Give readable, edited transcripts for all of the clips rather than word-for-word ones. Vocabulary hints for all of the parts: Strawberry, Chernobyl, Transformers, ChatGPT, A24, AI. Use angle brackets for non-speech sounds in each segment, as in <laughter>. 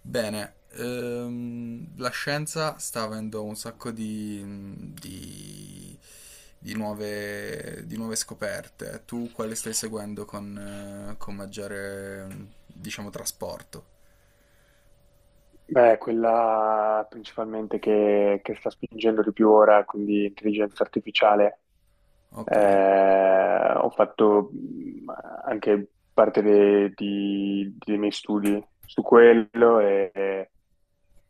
Bene, la scienza sta avendo un sacco di, di- di nuove scoperte. Tu quale stai seguendo con maggiore, diciamo, trasporto? Beh, quella principalmente che sta spingendo di più ora, quindi intelligenza artificiale. Ok, Ho fatto anche parte dei miei studi su quello e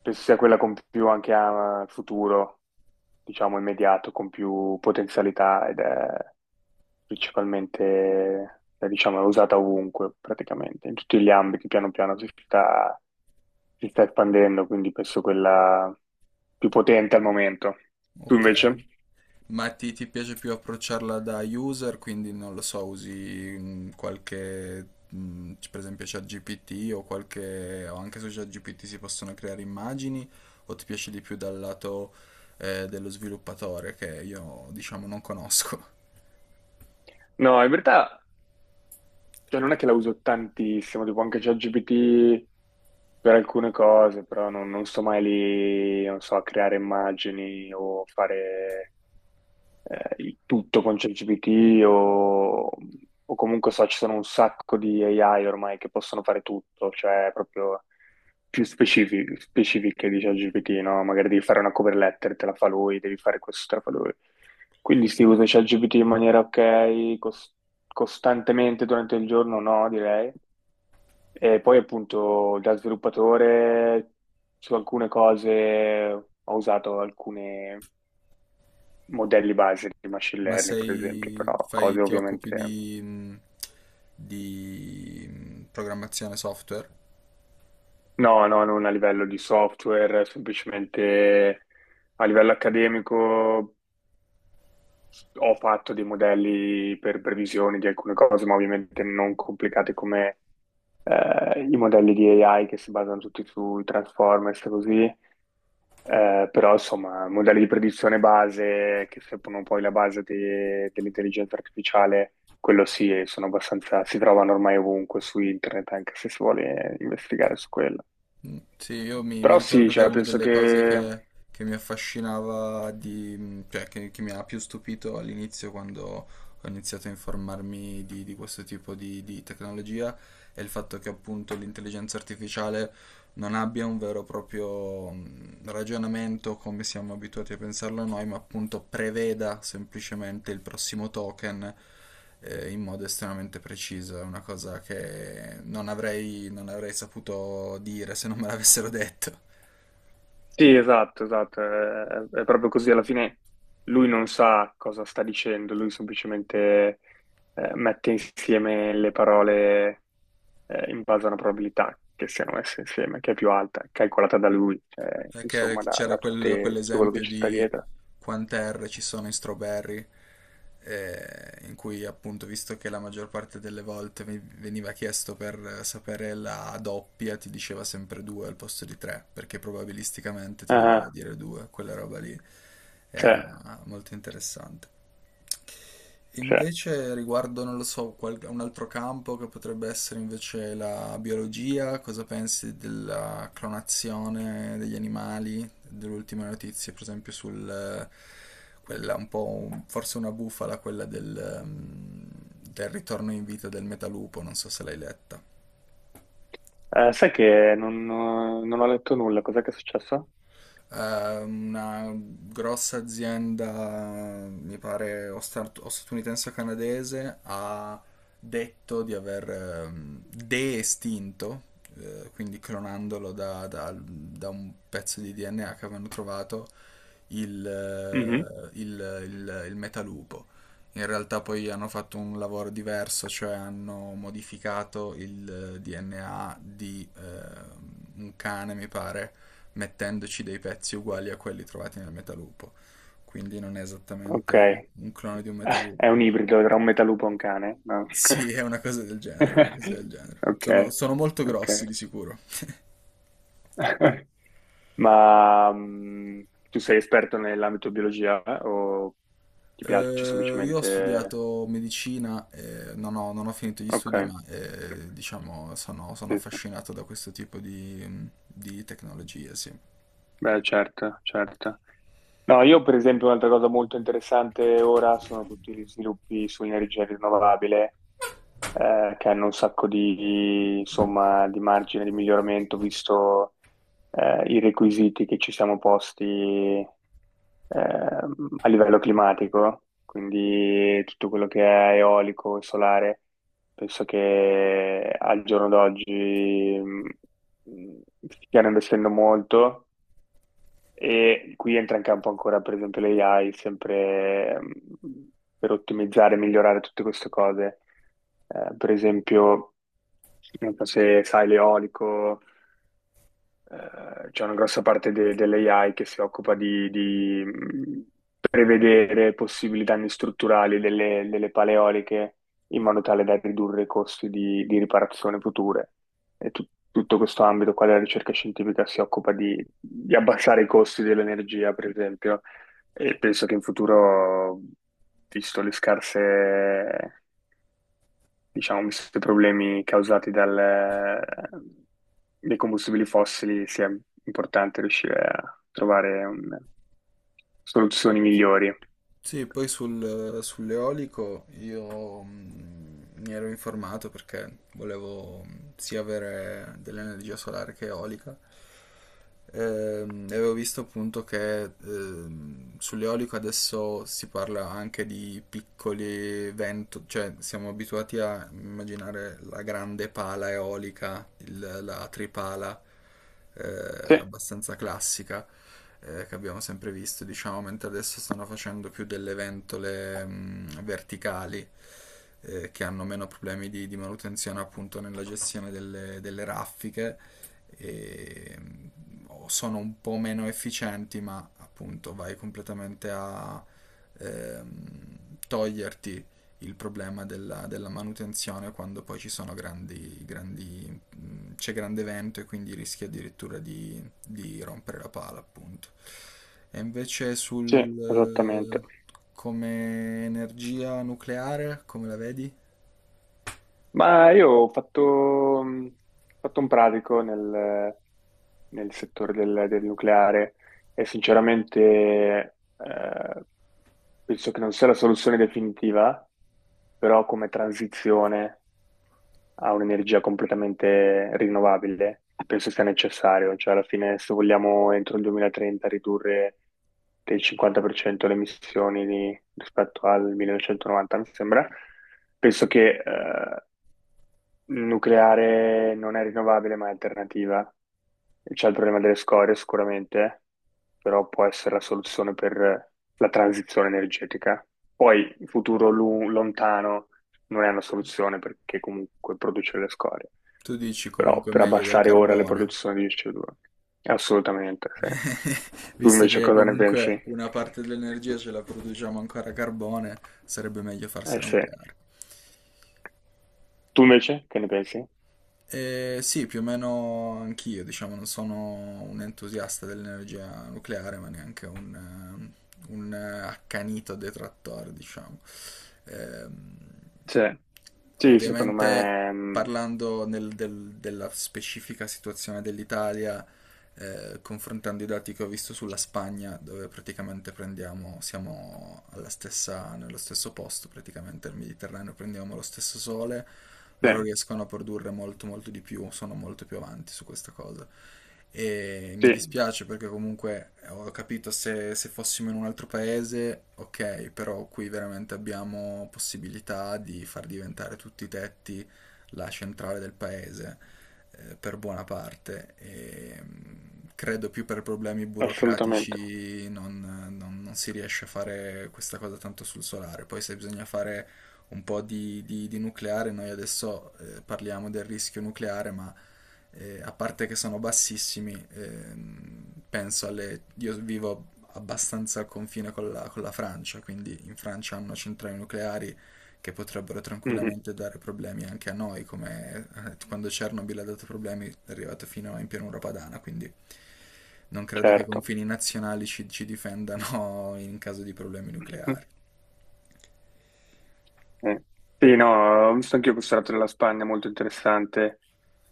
penso sia quella con più anche a futuro, diciamo immediato, con più potenzialità ed è principalmente, diciamo, è usata ovunque praticamente, in tutti gli ambiti, piano piano si sta espandendo, quindi penso quella più potente al momento. Tu ok. invece? Ma ti piace più approcciarla da user, quindi non lo so, usi qualche, per esempio ChatGPT o qualche, o anche su ChatGPT si possono creare immagini, o ti piace di più dal lato dello sviluppatore, che io diciamo non conosco. No, in verità cioè, non è che la uso tantissimo, tipo anche ChatGPT per alcune cose, però non sto mai lì, non so, a creare immagini o fare il tutto con ChatGPT o comunque so, ci sono un sacco di AI ormai che possono fare tutto, cioè proprio più specifiche di ChatGPT, no? Magari devi fare una cover letter, te la fa lui, devi fare questo, te la fa lui. Quindi si usa ChatGPT in maniera ok, costantemente durante il giorno, no, direi. E poi appunto da sviluppatore su alcune cose ho usato alcune modelli base di <laughs> machine Ma learning, per esempio, sei, però fai, cose ti occupi ovviamente di, di programmazione software? no, no, non a livello di software, semplicemente a livello accademico ho fatto dei modelli per previsioni di alcune cose, ma ovviamente non complicate come i modelli di AI che si basano tutti sui Transformers e così. Però insomma, modelli di predizione base che servono poi la base dell'intelligenza artificiale, quello sì, e sono abbastanza, si trovano ormai ovunque su internet, anche se si vuole investigare su quello. Sì, io mi Però sì, ricordo che è cioè, una penso delle cose che che mi affascinava, di, cioè che mi ha più stupito all'inizio quando ho iniziato a informarmi di questo tipo di tecnologia, è il fatto che appunto l'intelligenza artificiale non abbia un vero e proprio ragionamento come siamo abituati a pensarlo noi, ma appunto preveda semplicemente il prossimo token in modo estremamente preciso. È una cosa che non avrei saputo dire se non me l'avessero detto. sì, esatto, esatto, è proprio così. Alla fine lui non sa cosa sta dicendo, lui semplicemente mette insieme le parole in base a una probabilità che siano messe insieme, che è più alta, calcolata da lui, cioè, Perché insomma, c'era tutto quello che quell'esempio ci sta di dietro. quante R ci sono in Strawberry, in cui appunto, visto che la maggior parte delle volte veniva chiesto per sapere la doppia, ti diceva sempre due al posto di tre, perché probabilisticamente ti doveva Ah, dire due, quella roba lì c'è, era molto interessante. c'è. Invece riguardo, non lo so, un altro campo che potrebbe essere invece la biologia, cosa pensi della clonazione degli animali, delle ultime notizie, per esempio sul, quella un po', forse una bufala, quella del, ehm, del ritorno in vita del metalupo, non so se l'hai letta. Sai che non ho letto nulla, cos'è che è successo? Eh, una grossa azienda, mi pare, o, o statunitense o canadese, ha detto di aver de-estinto, quindi clonandolo da, da un pezzo di DNA che avevano trovato, il, Mhm. eh, il, il, il metalupo. In realtà poi hanno fatto un lavoro diverso, cioè hanno modificato il DNA di un cane, mi pare, mettendoci dei pezzi uguali a quelli trovati nel Metalupo. Quindi non è Ok, esattamente un clone di un è Metalupo. un ibrido tra un metalupo e un cane, no? Sì, è una cosa del genere, una cosa <laughs> del genere. Ok, Sono molto ok. grossi di sicuro. <laughs> Ma tu sei esperto nell'ambito biologia o ti piace Io ho semplicemente? studiato medicina, non ho finito gli Ok, studi, ma diciamo sono sì, sì. affascinato da questo tipo di tecnologie, sì. Beh, certo, certo. No, io per esempio un'altra cosa molto interessante ora sono tutti gli sviluppi sull'energia rinnovabile, che hanno un sacco di, insomma, di margine di miglioramento, visto, i requisiti che ci siamo posti, a livello climatico, quindi tutto quello che è eolico e solare. Penso che al giorno d'oggi stiano investendo molto e qui entra in campo ancora, per esempio, l'AI, sempre per ottimizzare e migliorare tutte queste cose. Per esempio, non so se sai l'eolico, c'è una grossa parte dell'AI che si occupa di prevedere possibili danni strutturali delle paleoliche in modo tale da ridurre i costi di riparazione future. E tu- Tutto questo ambito qua della ricerca scientifica si occupa di abbassare i costi dell'energia, per esempio, e penso che in futuro, visto le scarse diciamo, visto i problemi causati dai combustibili fossili, sia importante riuscire a trovare soluzioni migliori. Sì, poi sull'eolico io mi ero informato perché volevo sia avere dell'energia solare che eolica. E avevo visto appunto che sull'eolico adesso si parla anche di piccoli vento, cioè siamo abituati a immaginare la grande pala eolica, la tripala Sì, abbastanza classica che abbiamo sempre visto, diciamo, mentre adesso stanno facendo più delle ventole verticali che hanno meno problemi di manutenzione appunto nella gestione delle, delle raffiche e o sono un po' meno efficienti, ma appunto vai completamente a toglierti il problema della, della manutenzione quando poi ci sono grandi, grandi c'è grande vento e quindi rischia addirittura di rompere la pala, appunto. E invece sì, sul, esattamente. eh, come energia nucleare, come la vedi? Ma io ho fatto un pratico nel settore del nucleare e sinceramente penso che non sia la soluzione definitiva, però come transizione. A un'energia completamente rinnovabile, penso sia necessario, cioè alla fine se vogliamo entro il 2030 ridurre del 50% le emissioni rispetto al 1990, mi sembra, penso che nucleare non è rinnovabile, ma è alternativa. C'è il problema delle scorie sicuramente, però può essere la soluzione per la transizione energetica. Poi, in futuro lontano non è una soluzione perché comunque produce le scorie, Tu dici però comunque per meglio del abbassare ora le carbone, produzioni di CO2. Assolutamente, sì. <laughs> Tu visto invece che cosa ne comunque pensi? una parte dell'energia ce la produciamo ancora a carbone, sarebbe meglio Eh farsela sì. nucleare. Tu invece che ne pensi? Sì, più o meno anch'io, diciamo, non sono un entusiasta dell'energia nucleare, ma neanche un, accanito detrattore, diciamo. Ehm, Sì, sì, secondo ovviamente, me parlando della specifica situazione dell'Italia, confrontando i dati che ho visto sulla Spagna, dove praticamente prendiamo, siamo alla stessa, nello stesso posto, praticamente nel Mediterraneo, prendiamo lo stesso sole, sì, loro riescono a produrre molto molto di più, sono molto più avanti su questa cosa. E mi sì. dispiace perché comunque ho capito se, se fossimo in un altro paese, ok, però qui veramente abbiamo possibilità di far diventare tutti i tetti la centrale del paese per buona parte e credo più per problemi Assolutamente. burocratici non, non si riesce a fare questa cosa tanto sul solare. Poi se bisogna fare un po' di, di nucleare, noi adesso parliamo del rischio nucleare, ma a parte che sono bassissimi, penso alle... Io vivo abbastanza al confine con la Francia, quindi in Francia hanno centrali nucleari che potrebbero Mhm. tranquillamente dare problemi anche a noi, come quando Chernobyl ha dato problemi, è arrivato fino in pianura padana, quindi non credo che i Certo. confini nazionali ci difendano <laughs> in caso di problemi Mhm. nucleari. Eh. Sì, no, ho visto anch'io questo lato della Spagna, molto interessante,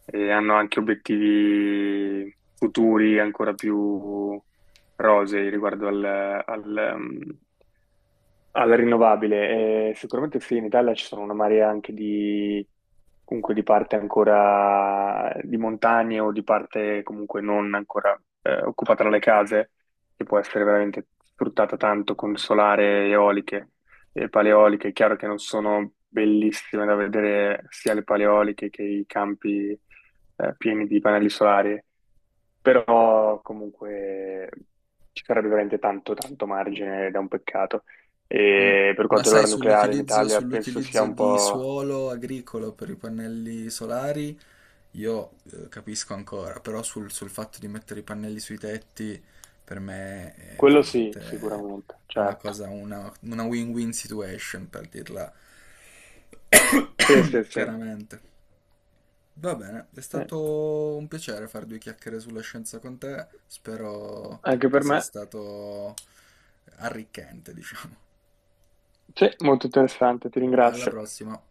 e hanno anche obiettivi futuri ancora più rosei riguardo al, ehm, alla rinnovabile, sicuramente sì, in Italia ci sono una marea anche di, comunque di parte ancora di montagne o di parte comunque non ancora occupata dalle case, che può essere veramente sfruttata tanto con solare, eoliche e paleoliche. È chiaro che non sono bellissime da vedere sia le paleoliche che i campi pieni di pannelli solari, però comunque ci sarebbe veramente tanto, tanto margine ed è un peccato. Mm. E per Ma quanto sai, riguarda il nucleare in Italia, penso sia sull'utilizzo un di po'. suolo agricolo per i pannelli solari, io capisco ancora, però sul, sul fatto di mettere i pannelli sui tetti per me è Quello sì, veramente sicuramente, una certo. cosa, una win-win situation per dirla Sì, sì, <coughs> sì. chiaramente. Va bene, è Sì, stato un piacere fare due chiacchiere sulla scienza con te, spero anche che per sia me. stato arricchente, diciamo. Sì, molto interessante, ti Alla ringrazio. prossima.